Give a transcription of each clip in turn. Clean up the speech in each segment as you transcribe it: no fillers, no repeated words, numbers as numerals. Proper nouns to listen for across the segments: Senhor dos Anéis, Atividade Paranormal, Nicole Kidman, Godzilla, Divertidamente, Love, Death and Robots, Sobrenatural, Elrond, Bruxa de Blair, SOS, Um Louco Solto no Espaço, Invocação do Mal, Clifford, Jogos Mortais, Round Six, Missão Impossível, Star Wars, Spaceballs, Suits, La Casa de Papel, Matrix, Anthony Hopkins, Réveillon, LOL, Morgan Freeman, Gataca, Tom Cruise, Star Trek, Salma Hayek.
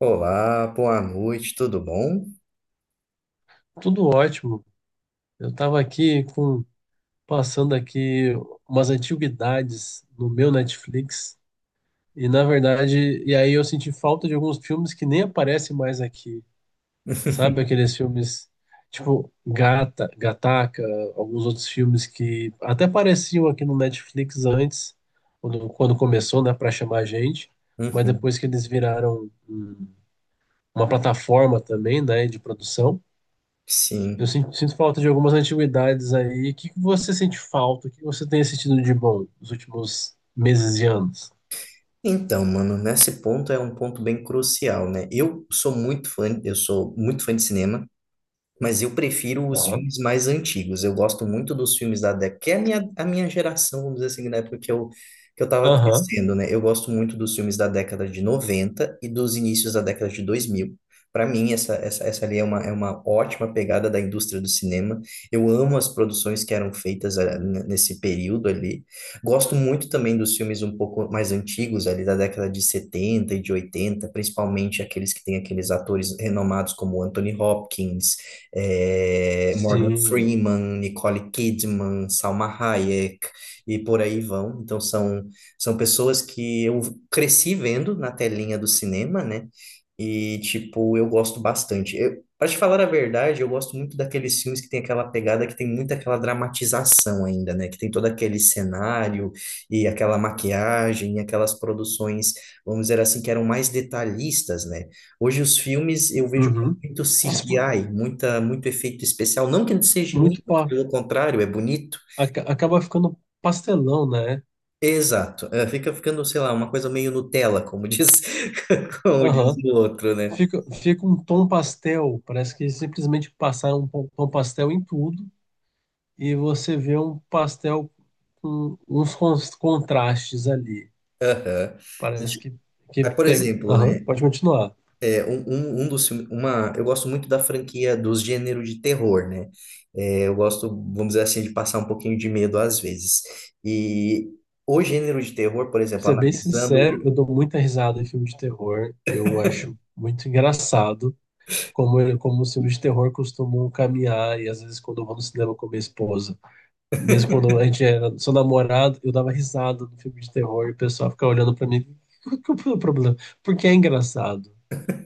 Olá, boa noite, tudo bom? Tudo ótimo. Eu estava aqui com passando aqui umas antiguidades no meu Netflix e aí eu senti falta de alguns filmes que nem aparecem mais aqui. Sabe aqueles filmes tipo Gata, Gataca, alguns outros filmes que até apareciam aqui no Netflix antes, quando começou, né, para chamar a gente, mas Uhum. depois que eles viraram uma plataforma também, né, de produção. Eu Sim. Sinto falta de algumas antiguidades aí. O que que você sente falta? O que você tem sentido de bom nos últimos meses e anos? Então, mano, nesse ponto é um ponto bem crucial, né? Eu sou muito fã, eu sou muito fã de cinema. Mas eu prefiro os Aham, filmes mais antigos. Eu gosto muito dos filmes da década, que é a minha geração, vamos dizer assim, na época que eu tava aham, crescendo, né? Eu gosto muito dos filmes da década de 90 e dos inícios da década de 2000. Para mim, essa ali é uma ótima pegada da indústria do cinema. Eu amo as produções que eram feitas nesse período ali. Gosto muito também dos filmes um pouco mais antigos, ali da década de 70 e de 80, principalmente aqueles que têm aqueles atores renomados como Anthony Hopkins, Morgan sim. Freeman, Nicole Kidman, Salma Hayek e por aí vão. Então são, são pessoas que eu cresci vendo na telinha do cinema, né? E, tipo, eu gosto bastante. Eu, pra te falar a verdade, eu gosto muito daqueles filmes que tem aquela pegada, que tem muito aquela dramatização ainda, né? Que tem todo aquele cenário e aquela maquiagem, e aquelas produções, vamos dizer assim, que eram mais detalhistas, né? Hoje os filmes eu vejo Uhum. muito Isso. CGI, muito efeito especial. Não que ele seja ruim, Muito muito pa... pelo contrário, é bonito. aca- acaba ficando pastelão, né? Exato. É, fica ficando, sei lá, uma coisa meio Nutella, como diz, como diz Aham. o outro, né? Fica, fica um tom pastel. Parece que simplesmente passaram um tom pastel em tudo e você vê um pastel com uns contrastes ali. Aham. Parece que Aí, por pega. exemplo, Aham, né? pode continuar. Um dos filmes, eu gosto muito da franquia dos gêneros de terror, né? É, eu gosto, vamos dizer assim, de passar um pouquinho de medo às vezes. E o gênero de terror, por Pra exemplo, ser bem sincero, analisando. eu dou muita risada em filme de terror. Eu acho muito engraçado como os filmes de terror costumam caminhar. E às vezes, quando eu vou no cinema com minha esposa, mesmo quando a gente era só namorado, eu dava risada no filme de terror e o pessoal ficava olhando pra mim. Qual que é o problema? Porque é engraçado.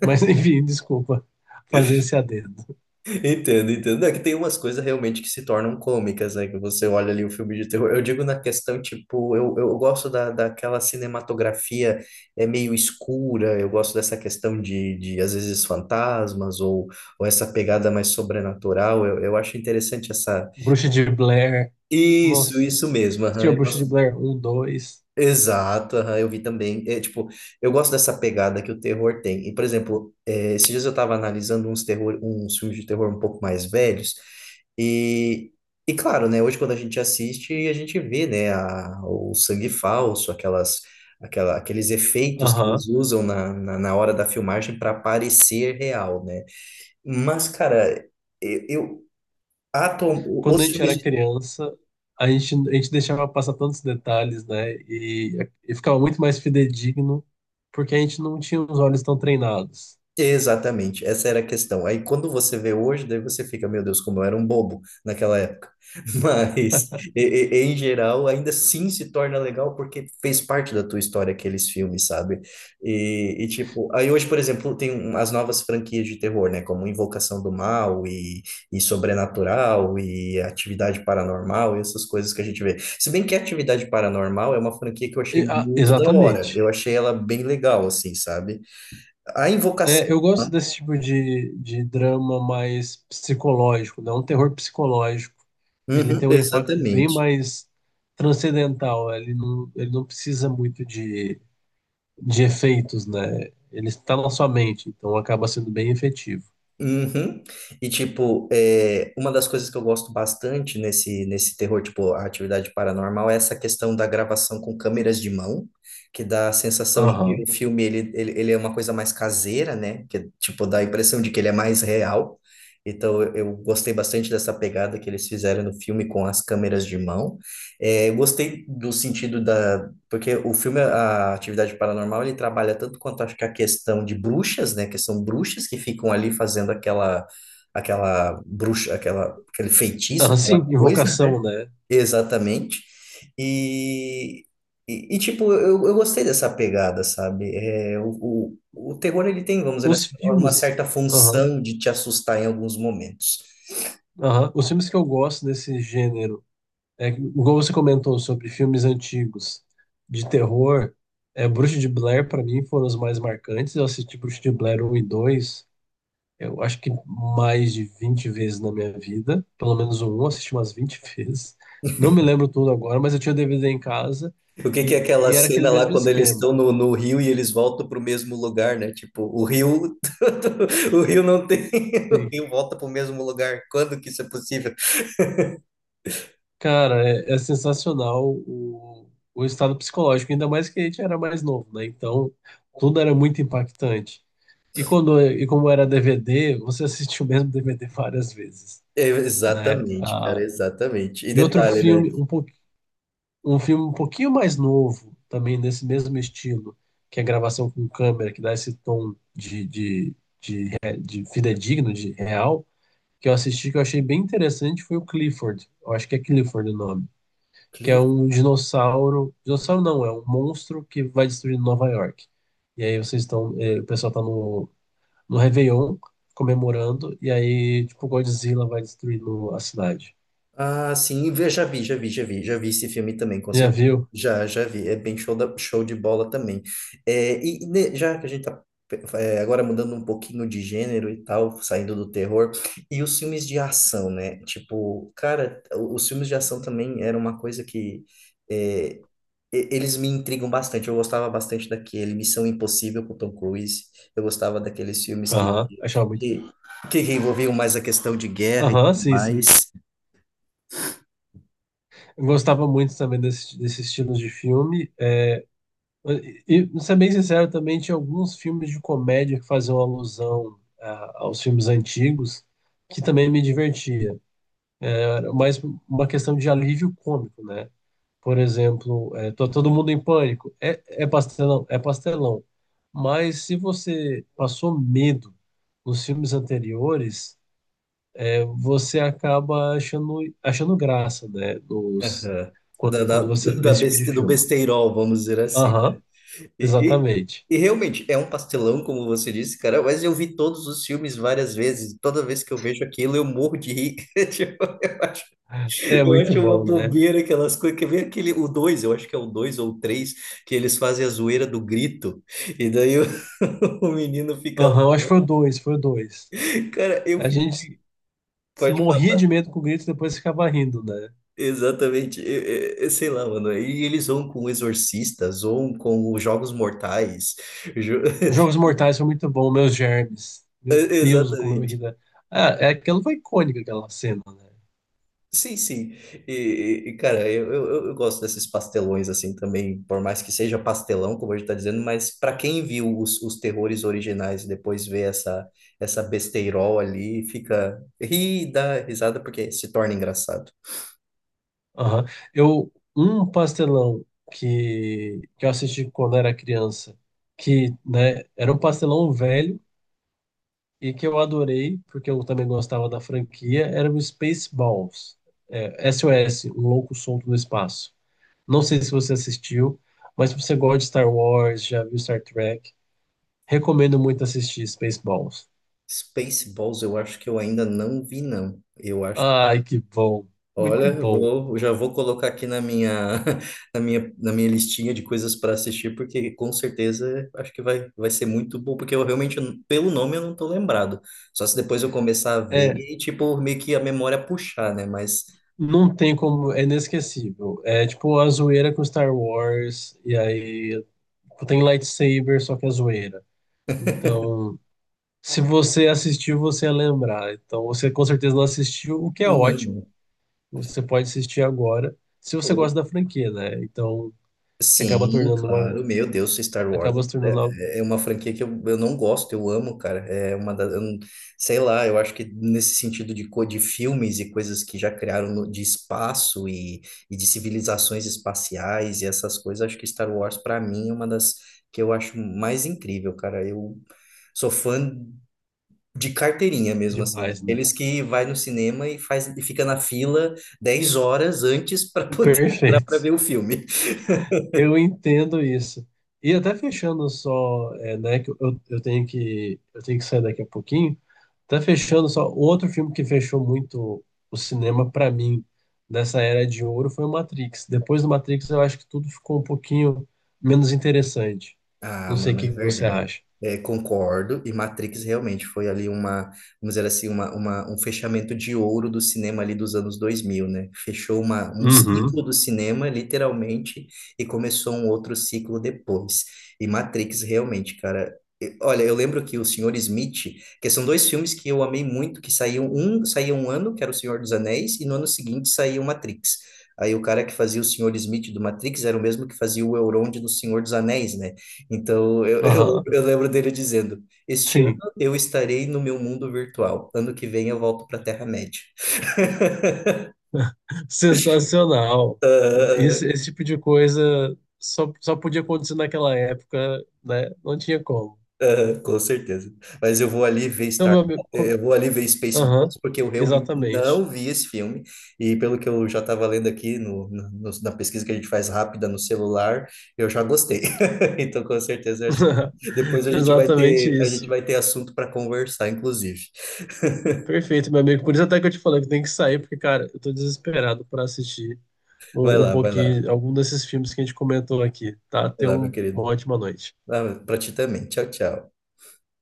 Mas enfim, desculpa fazer esse adendo. Entendo, entendo. É que tem umas coisas realmente que se tornam cômicas, né? Que você olha ali o filme de terror. Eu digo na questão, tipo, eu gosto daquela cinematografia é meio escura, eu gosto dessa questão de às vezes, fantasmas ou essa pegada mais sobrenatural. Eu acho interessante essa. Bruxa de Blair. Isso, Nossa, isso mesmo. Aham. tinha Eu Bruxa de gosto. Blair um dois. Exato, aham, eu vi também. É, tipo, eu gosto dessa pegada que o terror tem. E, por exemplo, é, esses dias eu estava analisando uns terror, uns filmes de terror um pouco mais velhos. E, e claro, né, hoje quando a gente assiste, a gente vê, né, a- o sangue falso, aquelas, aquela, aqueles efeitos que Aham. eles usam na hora da filmagem para parecer real, né? Mas, cara, eu atu- Quando os a gente era filmes. criança, a gente deixava passar tantos detalhes, né? E ficava muito mais fidedigno, porque a gente não tinha os olhos tão treinados. Exatamente, essa era a questão. Aí quando você vê hoje, daí você fica, meu Deus, como eu era um bobo naquela época. Mas, e- em geral, ainda assim se torna legal porque fez parte da tua história aqueles filmes, sabe? E, tipo, aí hoje, por exemplo, tem um- as novas franquias de terror, né? Como Invocação do Mal e Sobrenatural e Atividade Paranormal e essas coisas que a gente vê. Se bem que Atividade Paranormal é uma franquia que eu achei Ah, muito da hora. exatamente. Eu achei ela bem legal, assim, sabe? A É, Invocação. eu gosto desse tipo de drama mais psicológico, né? Um terror psicológico. Ele Uhum, tem um impacto bem exatamente. mais transcendental, né? Ele não precisa muito de efeitos, né? Ele está na sua mente, então acaba sendo bem efetivo. Uhum. E tipo, é, uma das coisas que eu gosto bastante nesse terror, tipo, a atividade paranormal, é essa questão da gravação com câmeras de mão, que dá a sensação de que Aham. o filme ele é uma coisa mais caseira, né? Que tipo, dá a impressão de que ele é mais real. Então, eu gostei bastante dessa pegada que eles fizeram no filme com as câmeras de mão. É, eu gostei do sentido. Porque o filme, a Atividade Paranormal, ele trabalha tanto quanto acho que a questão de bruxas, né? Que são bruxas que ficam ali fazendo aquela, aquela bruxa, aquela, aquele feitiço, Ah, sim, aquela coisa, né? invocação, né? Exatamente. E, tipo, eu gostei dessa pegada, sabe? É, o terror, ele tem, vamos dizer Os assim, uma filmes, certa aham, função de te assustar em alguns momentos. aham. Os filmes que eu gosto desse gênero, é, igual você comentou sobre filmes antigos de terror, é, Bruxa de Blair para mim foram os mais marcantes. Eu assisti Bruxa de Blair um e 2, eu acho que mais de 20 vezes na minha vida, pelo menos o 1 eu assisti umas 20 vezes. Não me lembro tudo agora, mas eu tinha o DVD em casa O que que é e, aquela e era aquele cena lá mesmo quando eles esquema. estão no rio e eles voltam para o mesmo lugar, né? Tipo, o rio, o rio não tem, o rio volta para o mesmo lugar. Quando que isso é possível? Cara, é, é sensacional o estado psicológico, ainda mais que a gente era mais novo, né? Então, tudo era muito impactante. E quando, e como era DVD, você assistiu o mesmo DVD várias vezes, É, né? exatamente, cara, Ah, exatamente. E e outro detalhe, né? filme, um filme um pouquinho mais novo, também nesse mesmo estilo, que é a gravação com câmera, que dá esse tom de fidedigno, de real, que eu assisti, que eu achei bem interessante, foi o Clifford. Eu acho que é Clifford o nome, que é um dinossauro. Dinossauro não, é um monstro que vai destruir Nova York. E aí vocês estão. O pessoal tá no, no Réveillon comemorando, e aí, tipo, Godzilla vai destruindo a cidade. Ah, sim, vê- já vi esse filme também, com Já certeza. viu? Já, já vi, é bem show, da- show de bola também. É, e né, já que a gente tá, é, agora mudando um pouquinho de gênero e tal, saindo do terror, e os filmes de ação, né? Tipo, cara, o- os filmes de ação também era uma coisa que é, eles me intrigam bastante. Eu gostava bastante daquele Missão Impossível com o Tom Cruise. Eu gostava daqueles filmes Aham, achava muito bom. que, que envolviam mais a questão de guerra e Aham, tudo sim, sim. mais. Eu gostava muito também desse, desse estilo de filme. É, e, ser bem sincero, também tinha alguns filmes de comédia que faziam alusão aos filmes antigos, que também me divertia. Era mais uma questão de alívio cômico, né? Por exemplo, é, todo mundo em pânico. É, é pastelão, é pastelão. Mas se você passou medo nos filmes anteriores, é, você acaba achando, achando graça, né? Dos, Aham. Da, quando, da, quando você vê da esse tipo de beste- do filme. besteirol, vamos dizer assim, né? Aham, E, exatamente. E realmente, é um pastelão, como você disse, cara, mas eu vi todos os filmes várias vezes. Toda vez que eu vejo aquilo, eu morro de rir. Tipo, É eu muito acho uma bom, né? bobeira aquelas coisas. Que vem aquele, o dois, eu acho que é o dois ou o três, que eles fazem a zoeira do grito. E daí o, o menino fica lá. Aham, acho que foi o dois, foi o dois. Cara, eu A fico. gente morria de medo com o grito e depois ficava rindo, né? Exatamente, eu sei lá, mano. E eles zoam com o Exorcista, zoam com os Jogos Mortais. Jo- Os Jogos Mortais foi muito bom, meus germes. Meu Deus, como eu ri Exatamente. da... Ah, é, aquela foi icônica, aquela cena, né? Sim, sim. E, cara, eu gosto desses pastelões assim também, por mais que seja pastelão, como a gente tá dizendo, mas para quem viu os terrores originais e depois vê essa, essa besteirol ali, fica ri, dá risada porque se torna engraçado. Aham. Eu, um pastelão que eu assisti quando era criança, que, né, era um pastelão velho e que eu adorei, porque eu também gostava da franquia, era o Spaceballs. É, SOS, Um Louco Solto no Espaço. Não sei se você assistiu, mas se você gosta de Star Wars, já viu Star Trek, recomendo muito assistir Spaceballs. Spaceballs eu acho que eu ainda não vi, não. Eu acho. Ai, que bom. Olha, Muito bom. Eu já vou colocar aqui na minha, na minha listinha de coisas para assistir, porque com certeza acho que vai, vai ser muito bom, porque eu realmente, pelo nome, eu não tô lembrado. Só se depois eu começar a ver É, e, tipo, meio que a memória puxar, né? Mas, não tem como, é inesquecível. É tipo a zoeira com Star Wars, e aí tipo, tem lightsaber, só que é zoeira. Então, se você assistiu, você ia lembrar. Então, você com certeza não assistiu, o que é ótimo. Você pode assistir agora, se você não. gosta da franquia, né? Então, que acaba Sim, tornando claro, uma, meu Deus, Star Wars acaba se é, tornando algo é é uma franquia que eu não gosto, eu amo, cara. É uma das, eu não- sei lá, eu acho que nesse sentido de, co- de filmes e coisas que já criaram no- de espaço e de civilizações espaciais e essas coisas, acho que Star Wars pra mim é uma das que eu acho mais incrível, cara. Eu sou fã de carteirinha mesmo, assim, demais, né? daqueles que vai no cinema e faz e fica na fila 10 horas antes para poder entrar para Perfeito. ver o filme. Eu entendo isso. E até fechando só, é, né, que eu tenho que sair daqui a pouquinho. Até fechando só, outro filme que fechou muito o cinema para mim nessa era de ouro foi o Matrix. Depois do Matrix, eu acho que tudo ficou um pouquinho menos interessante. Ah, Não sei o mano, que é que você verdade. acha. É, concordo. E Matrix realmente foi ali uma, vamos dizer assim, um fechamento de ouro do cinema ali dos anos dois mil, né? Fechou uma, um Uhum. ciclo do cinema, literalmente, e começou um outro ciclo depois. E Matrix realmente, cara. E- olha, eu lembro que o Senhor Smith, que são dois filmes que eu amei muito, saía um ano, que era O Senhor dos Anéis, e no ano seguinte saía o Matrix. Aí o cara que fazia o Senhor Smith do Matrix era o mesmo que fazia o Elrond do Senhor dos Anéis, né? Então, Aham. eu lembro dele dizendo: Este ano Sim. eu estarei no meu mundo virtual, ano que vem eu volto para a Terra-média. Sensacional. Ah, Esse tipo de coisa só, só podia acontecer naquela época, né? Não tinha como. Com certeza. Mas Então, meu amigo, eu vou ali ver aham, Spaceballs, porque eu realmente exatamente. não vi esse filme. E pelo que eu já estava lendo aqui na pesquisa que a gente faz rápida no celular, eu já gostei. Então, com certeza, eu acho que depois Exatamente a gente isso. vai ter assunto para conversar, inclusive. Perfeito, meu amigo. Por isso até que eu te falei que tem que sair, porque, cara, eu tô desesperado pra assistir Vai um lá, pouquinho, algum desses filmes que a gente comentou aqui, tá? vai Tenha lá, meu uma querido. ótima noite. Ah, ti também. Tchau, tchau.